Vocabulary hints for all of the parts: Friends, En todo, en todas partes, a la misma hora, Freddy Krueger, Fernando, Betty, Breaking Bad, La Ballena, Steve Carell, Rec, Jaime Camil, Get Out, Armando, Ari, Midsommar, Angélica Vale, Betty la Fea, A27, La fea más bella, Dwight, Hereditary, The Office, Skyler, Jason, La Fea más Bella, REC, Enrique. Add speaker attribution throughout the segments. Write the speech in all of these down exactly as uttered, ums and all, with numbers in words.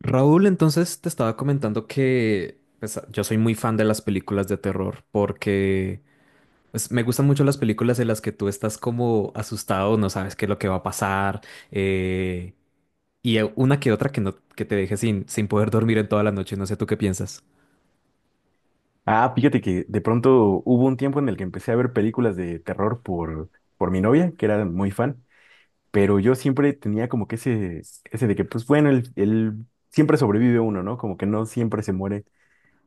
Speaker 1: Raúl, entonces te estaba comentando que pues, yo soy muy fan de las películas de terror porque pues, me gustan mucho las películas en las que tú estás como asustado, no sabes qué es lo que va a pasar eh, y eh, una que otra que no que te deje sin, sin poder dormir en toda la noche. No sé tú qué piensas.
Speaker 2: Ah, fíjate que de pronto hubo un tiempo en el que empecé a ver películas de terror por, por mi novia, que era muy fan, pero yo siempre tenía como que ese, ese de que, pues bueno, el, el- siempre sobrevive uno, ¿no? Como que no siempre se muere,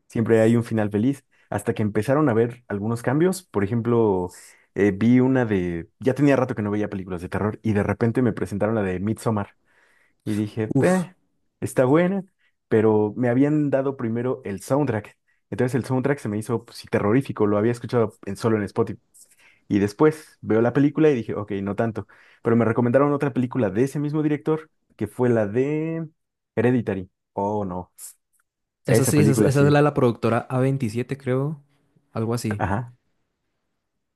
Speaker 2: siempre hay un final feliz, hasta que empezaron a ver algunos cambios. Por ejemplo, eh, vi una de, ya tenía rato que no veía películas de terror y de repente me presentaron la de Midsommar y dije,
Speaker 1: Uf,
Speaker 2: "Eh, está buena." Pero me habían dado primero el soundtrack. Entonces el soundtrack se me hizo pues, sí, terrorífico, lo había escuchado en, solo en Spotify. Y después veo la película y dije, ok, no tanto. Pero me recomendaron otra película de ese mismo director, que fue la de Hereditary. Oh, no.
Speaker 1: esa
Speaker 2: Esa
Speaker 1: sí, esa, es esa
Speaker 2: película
Speaker 1: es la
Speaker 2: sí.
Speaker 1: de la productora A veintisiete, creo, algo así.
Speaker 2: Ajá.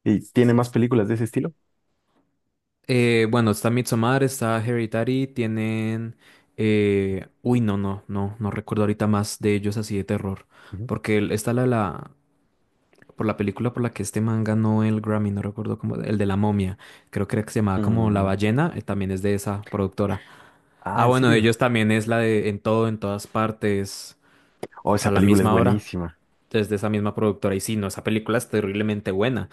Speaker 2: ¿Y tiene más películas de ese estilo?
Speaker 1: Eh, bueno, está Midsommar, está Hereditary, tienen... eh, Uy, no, no, no, no recuerdo ahorita más de ellos así de terror.
Speaker 2: Ujú.
Speaker 1: Porque el- está la, la... Por la película por la que este man ganó el Grammy, no recuerdo cómo... El de la momia. Creo que era que se llamaba como La
Speaker 2: Mm.
Speaker 1: Ballena, eh, también es de esa productora. Ah,
Speaker 2: Ah, ¿en
Speaker 1: bueno, de ellos
Speaker 2: serio?
Speaker 1: también es la de En todo, en todas partes,
Speaker 2: Oh,
Speaker 1: a
Speaker 2: esa
Speaker 1: la
Speaker 2: película es
Speaker 1: misma hora
Speaker 2: buenísima.
Speaker 1: es de esa misma productora. Y sí, no, esa película es terriblemente buena.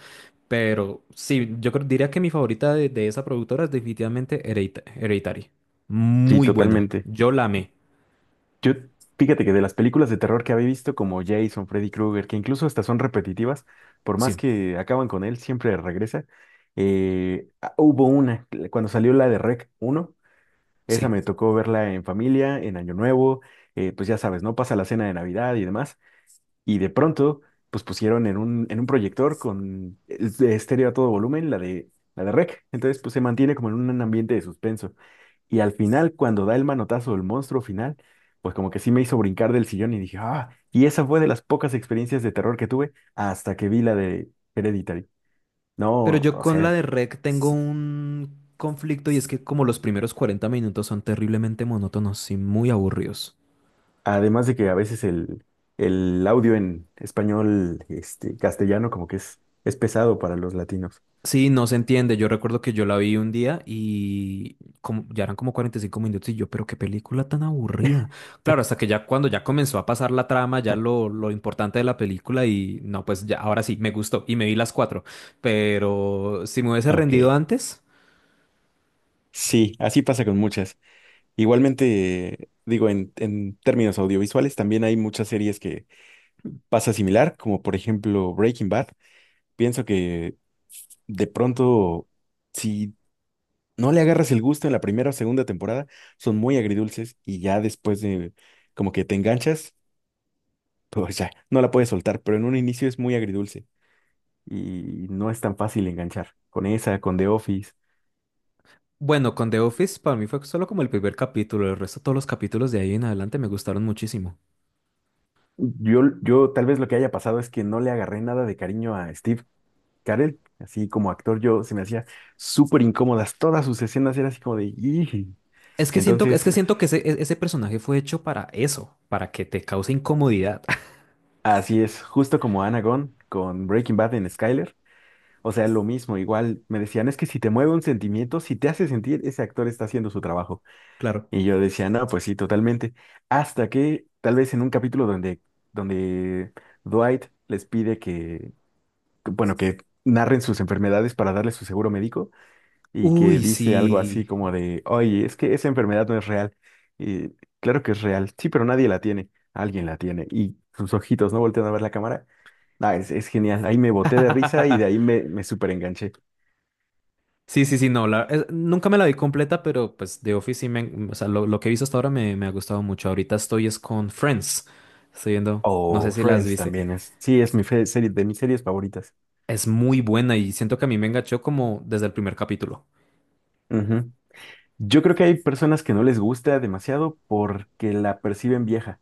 Speaker 1: Pero sí, yo creo- diría que mi favorita de, de esa productora es definitivamente Heredita- Hereditary.
Speaker 2: Sí,
Speaker 1: Muy buena.
Speaker 2: totalmente.
Speaker 1: Yo la amé.
Speaker 2: Yo, fíjate que de las películas de terror que había visto, como Jason, Freddy Krueger, que incluso estas son repetitivas, por más
Speaker 1: Sí,
Speaker 2: que acaban con él, siempre regresa. Eh, ah, hubo una, cuando salió la de Rec uno, esa
Speaker 1: sí.
Speaker 2: me tocó verla en familia, en Año Nuevo. Eh, pues ya sabes, ¿no? Pasa la cena de Navidad y demás, y de pronto, pues pusieron en un, en un, proyector con es- de estéreo a todo volumen la de, la de Rec, entonces pues se mantiene como en un ambiente de suspenso. Y al final, cuando da el manotazo del monstruo final, pues como que sí me hizo brincar del sillón y dije, ah, y esa fue de las pocas experiencias de terror que tuve hasta que vi la de Hereditary.
Speaker 1: Pero
Speaker 2: No,
Speaker 1: yo
Speaker 2: o
Speaker 1: con
Speaker 2: sea,
Speaker 1: la
Speaker 2: es-
Speaker 1: de REC tengo un conflicto y es que como los primeros cuarenta minutos son terriblemente monótonos y muy aburridos.
Speaker 2: además de que a veces el, el audio en español, este, castellano, como que es, es pesado para los latinos.
Speaker 1: Sí, no se entiende. Yo recuerdo que yo la vi un día y como, ya eran como cuarenta y cinco minutos y yo, pero qué película tan aburrida. Claro, hasta que ya cuando ya comenzó a pasar la trama, ya lo, lo importante de la película y no, pues ya ahora sí, me gustó y me vi las cuatro. Pero si me hubiese
Speaker 2: Ok,
Speaker 1: rendido antes,
Speaker 2: sí, así pasa con muchas. Igualmente, digo, en, en términos audiovisuales también hay muchas series que pasa similar, como por ejemplo Breaking Bad. Pienso que de pronto, si no le agarras el gusto en la primera o segunda temporada, son muy agridulces y ya después de como que te enganchas, pues ya no la puedes soltar, pero en un inicio es muy agridulce y no es tan fácil enganchar con esa, con The Office.
Speaker 1: bueno, con The Office para mí fue solo como el primer capítulo. El resto, todos los capítulos de ahí en adelante me gustaron muchísimo.
Speaker 2: Yo, yo tal vez lo que haya pasado es que no le agarré nada de cariño a Steve Carell, así como actor yo se me hacía súper incómodas, todas sus escenas eran así como de... "Ih".
Speaker 1: Es que siento, es
Speaker 2: Entonces,
Speaker 1: que siento que ese, e- ese personaje fue hecho para eso, para que te cause incomodidad.
Speaker 2: así es, justo como Anagon con Breaking Bad en Skyler. O sea, lo mismo, igual me decían, es que si te mueve un sentimiento, si te hace sentir, ese actor está haciendo su trabajo.
Speaker 1: Claro.
Speaker 2: Y yo decía, no, pues sí, totalmente. Hasta que tal vez en un capítulo donde, donde Dwight les pide que, que, bueno, que narren sus enfermedades para darle su seguro médico, y que
Speaker 1: Uy,
Speaker 2: dice algo así
Speaker 1: sí.
Speaker 2: como de, oye, es que esa enfermedad no es real. Y claro que es real, sí, pero nadie la tiene, alguien la tiene. Y sus ojitos no voltean a ver la cámara. Ah, es, es genial, ahí me boté de risa y de ahí me, me súper enganché.
Speaker 1: Sí, sí, sí, no, la- es- nunca me la vi completa, pero pues The Office sí me, o sea, lo, lo que he visto hasta ahora me, me ha gustado mucho. Ahorita estoy es con Friends, estoy viendo, no sé
Speaker 2: O
Speaker 1: si las
Speaker 2: Friends
Speaker 1: viste,
Speaker 2: también es, sí, es mi fe- serie, de mis series favoritas.
Speaker 1: es muy buena y siento que a mí me enganchó como desde el primer capítulo.
Speaker 2: Ujú. Yo creo que hay personas que no les gusta demasiado porque la perciben vieja,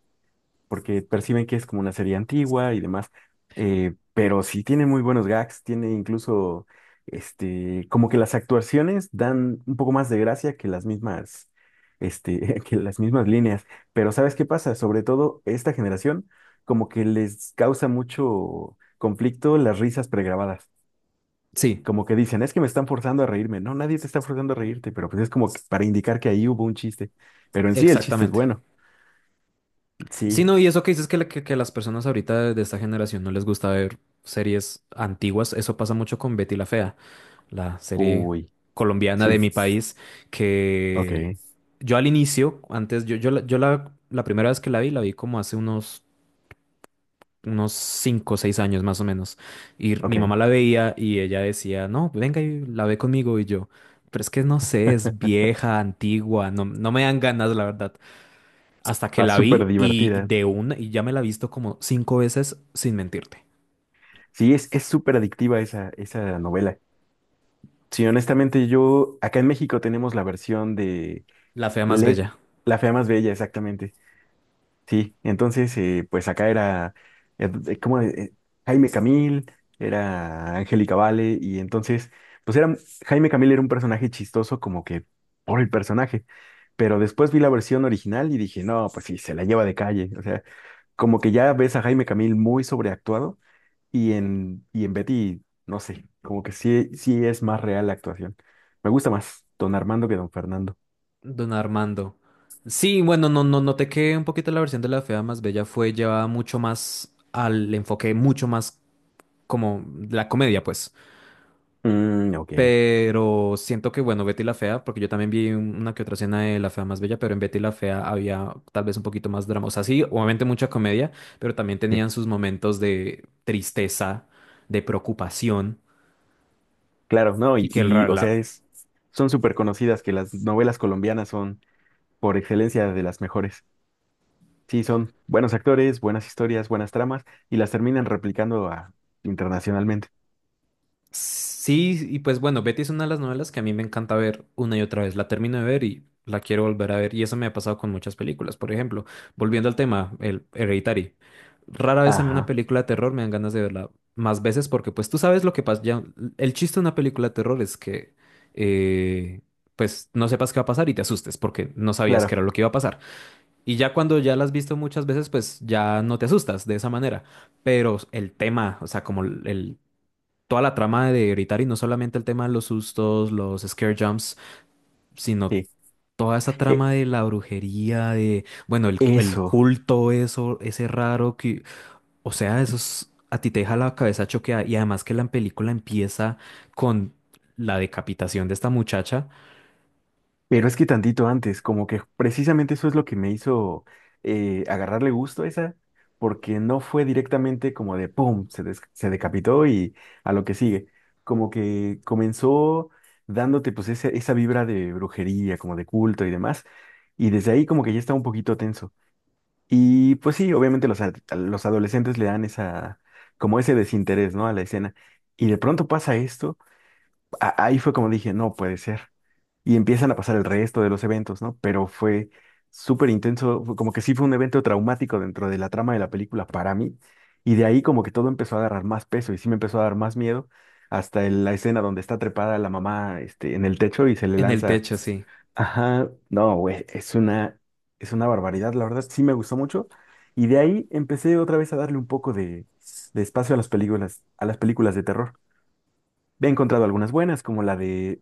Speaker 2: porque perciben que es como una serie antigua y demás. Eh, pero sí tiene muy buenos gags, tiene incluso, este, como que las actuaciones dan un poco más de gracia que las mismas, este, que las mismas líneas, pero ¿sabes qué pasa? Sobre todo esta generación, como que les causa mucho conflicto las risas pregrabadas.
Speaker 1: Sí,
Speaker 2: Como que dicen, es que me están forzando a reírme. No, nadie te está forzando a reírte, pero pues es como que para indicar que ahí hubo un chiste. Pero en sí el chiste es
Speaker 1: exactamente.
Speaker 2: bueno.
Speaker 1: Sí,
Speaker 2: Sí.
Speaker 1: no, y eso que dices que, la- que, que las personas ahorita de, de esta generación no les gusta ver series antiguas, eso pasa mucho con Betty la Fea. La serie
Speaker 2: Uy,
Speaker 1: colombiana
Speaker 2: sí.
Speaker 1: de mi país,
Speaker 2: Ok,
Speaker 1: que yo al inicio, antes, yo, yo, la, yo la, la primera vez que la vi, la vi como hace unos, unos cinco o seis años más o menos. Y mi
Speaker 2: ok.
Speaker 1: mamá la veía y ella decía, no, venga y la ve conmigo y yo. Pero es que no sé, es vieja, antigua, no, no me dan ganas, la verdad. Hasta que
Speaker 2: Está
Speaker 1: la
Speaker 2: súper
Speaker 1: vi y
Speaker 2: divertida.
Speaker 1: de una, y ya me la he visto como cinco veces, sin mentirte.
Speaker 2: Sí, es, es súper adictiva esa, esa novela. Sí, honestamente, yo, acá en México tenemos la versión de
Speaker 1: La fea más
Speaker 2: Led,
Speaker 1: bella.
Speaker 2: la fea más bella, exactamente. Sí, entonces, eh, pues acá era, eh, eh, ¿cómo? eh, Jaime Camil, era Angélica Vale, y entonces, pues era, Jaime Camil era un personaje chistoso como que por el personaje, pero después vi la versión original y dije, no, pues sí, se la lleva de calle, o sea. Como que ya ves a Jaime Camil muy sobreactuado y en, y en Betty, no sé, como que sí, sí es más real la actuación. Me gusta más don Armando que don Fernando.
Speaker 1: Don Armando. Sí, bueno, no, no, noté que un poquito la versión de La Fea más Bella fue llevada mucho más al enfoque, mucho más como la comedia, pues.
Speaker 2: Mm, ok.
Speaker 1: Pero siento que, bueno, Betty la Fea, porque yo también vi un- una que otra escena de La Fea más Bella, pero en Betty la Fea había tal vez un poquito más drama. O sea, sí, obviamente mucha comedia, pero también
Speaker 2: Sí,
Speaker 1: tenían sus momentos de tristeza, de preocupación,
Speaker 2: claro, no,
Speaker 1: y
Speaker 2: y,
Speaker 1: que el,
Speaker 2: y,
Speaker 1: ra-
Speaker 2: o sea,
Speaker 1: la,
Speaker 2: es, son súper conocidas que las novelas colombianas son por excelencia de las mejores. Sí, son buenos actores, buenas historias, buenas tramas y las terminan replicando a- internacionalmente.
Speaker 1: Sí, y pues bueno, Betty es una de las novelas que a mí me encanta ver una y otra vez. La termino de ver y la quiero volver a ver. Y eso me ha pasado con muchas películas. Por ejemplo, volviendo al tema, el Hereditary. Rara vez a mí una
Speaker 2: Ajá,
Speaker 1: película de terror me dan ganas de verla más veces porque pues tú sabes lo que pasa. Ya, el chiste de una película de terror es que eh, pues no sepas qué va a pasar y te asustes porque no sabías qué
Speaker 2: claro,
Speaker 1: era lo que iba a pasar. Y ya cuando ya la has visto muchas veces, pues ya no te asustas de esa manera. Pero el tema, o sea, como el, toda la trama de Hereditary, no solamente el tema de los sustos, los scare jumps, sino
Speaker 2: sí.
Speaker 1: toda esa trama
Speaker 2: E-
Speaker 1: de la brujería, de, bueno, el, el
Speaker 2: Eso.
Speaker 1: culto, eso, ese raro que, o sea, eso es- a ti te deja la cabeza choqueada. Y además que la película empieza con la decapitación de esta muchacha
Speaker 2: Pero es que tantito antes, como que precisamente eso es lo que me hizo eh, agarrarle gusto a esa, porque no fue directamente como de ¡pum! Se, des- se decapitó y a lo que sigue. Como que comenzó dándote pues esa, esa, vibra de brujería, como de culto y demás, y desde ahí como que ya estaba un poquito tenso. Y pues sí, obviamente los, ad- los adolescentes le dan esa, como ese desinterés, ¿no? A la escena. Y de pronto pasa esto. A- ahí fue como dije, no puede ser. Y empiezan a pasar el resto de los eventos, ¿no? Pero fue súper intenso, fue como que sí fue un evento traumático dentro de la trama de la película para mí. Y de ahí como que todo empezó a agarrar más peso y sí me empezó a dar más miedo hasta el- la escena donde está trepada la mamá, este, en el techo y se le
Speaker 1: en el
Speaker 2: lanza.
Speaker 1: techo, sí.
Speaker 2: Ajá, no, güey, es una, es una, barbaridad, la verdad sí me gustó mucho. Y de ahí empecé otra vez a darle un poco de, de espacio a las películas, a las películas de terror. He encontrado algunas buenas, como la de,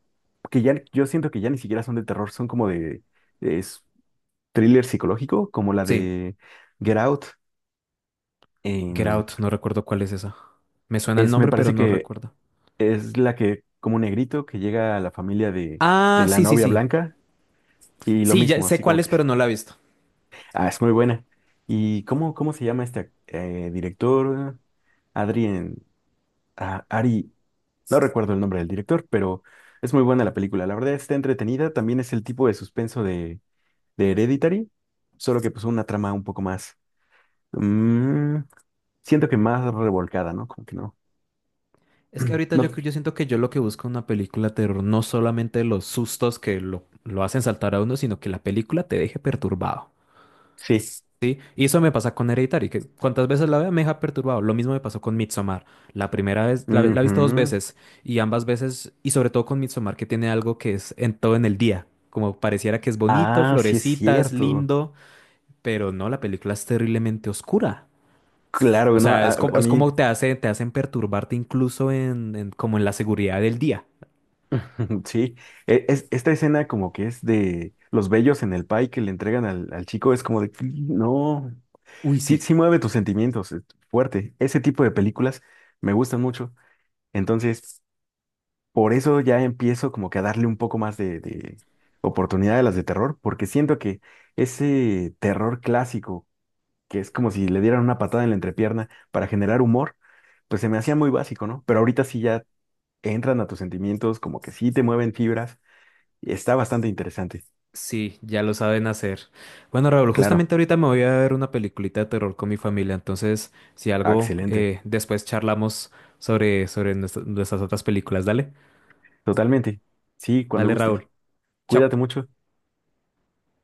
Speaker 2: que ya yo siento que ya ni siquiera son de terror, son como de, de es thriller psicológico, como la
Speaker 1: Sí,
Speaker 2: de Get Out.
Speaker 1: Get
Speaker 2: Em,
Speaker 1: Out, no recuerdo cuál es esa. Me suena el
Speaker 2: es, me
Speaker 1: nombre, pero
Speaker 2: parece
Speaker 1: no
Speaker 2: que
Speaker 1: recuerdo.
Speaker 2: es la que, como un negrito que llega a la familia de,
Speaker 1: Ah,
Speaker 2: de la
Speaker 1: sí, sí,
Speaker 2: novia
Speaker 1: sí.
Speaker 2: blanca y lo
Speaker 1: Sí, ya
Speaker 2: mismo,
Speaker 1: sé
Speaker 2: así
Speaker 1: cuál
Speaker 2: como
Speaker 1: es,
Speaker 2: que,
Speaker 1: pero no la he visto.
Speaker 2: ah, es muy buena. ¿Y cómo, cómo se llama este eh, director? Adrien, ah, Ari, no recuerdo el nombre del director, pero es muy buena la película. La verdad está entretenida, también es el tipo de suspenso de de Hereditary, solo que pues una trama un poco más, mm, siento que más revolcada, ¿no? Como que no.
Speaker 1: Es que ahorita
Speaker 2: No,
Speaker 1: yo, yo siento que yo lo que busco en una película de terror no solamente los sustos que lo, lo hacen saltar a uno, sino que la película te deje perturbado.
Speaker 2: sí.
Speaker 1: Y eso me pasa con Hereditary, que cuantas veces la vea me deja perturbado. Lo mismo me pasó con Midsommar. La primera vez, la, la he visto dos
Speaker 2: Ujú.
Speaker 1: veces y ambas veces, y sobre todo con Midsommar, que tiene algo que es en todo en el día. Como pareciera que es bonito,
Speaker 2: Ah, sí es
Speaker 1: florecitas,
Speaker 2: cierto.
Speaker 1: lindo, pero no, la película es terriblemente oscura. O
Speaker 2: Claro, no,
Speaker 1: sea,
Speaker 2: a,
Speaker 1: es como,
Speaker 2: a
Speaker 1: es
Speaker 2: mí,
Speaker 1: como te hace, te hacen perturbarte incluso en, en- como en la seguridad del día.
Speaker 2: sí. E- es- esta escena como que es de los bellos en el pie que le entregan al, al chico, es como de, no,
Speaker 1: Uy,
Speaker 2: sí,
Speaker 1: sí,
Speaker 2: sí mueve tus sentimientos, es fuerte. Ese tipo de películas me gustan mucho. Entonces, por eso ya empiezo como que a darle un poco más de, de oportunidad a las de terror, porque siento que ese terror clásico, que es como si le dieran una patada en la entrepierna para generar humor, pues se me hacía muy básico, ¿no? Pero ahorita sí ya entran a tus sentimientos, como que sí te mueven fibras, y está bastante interesante.
Speaker 1: sí, ya lo saben hacer. Bueno, Raúl,
Speaker 2: Claro,
Speaker 1: justamente ahorita me voy a ver una peliculita de terror con mi familia, entonces, si
Speaker 2: ah,
Speaker 1: algo,
Speaker 2: excelente,
Speaker 1: eh, después charlamos sobre, sobre nuestra- nuestras otras películas. Dale,
Speaker 2: totalmente. Sí, cuando
Speaker 1: dale,
Speaker 2: gustes.
Speaker 1: Raúl. Chao.
Speaker 2: Cuídate mucho.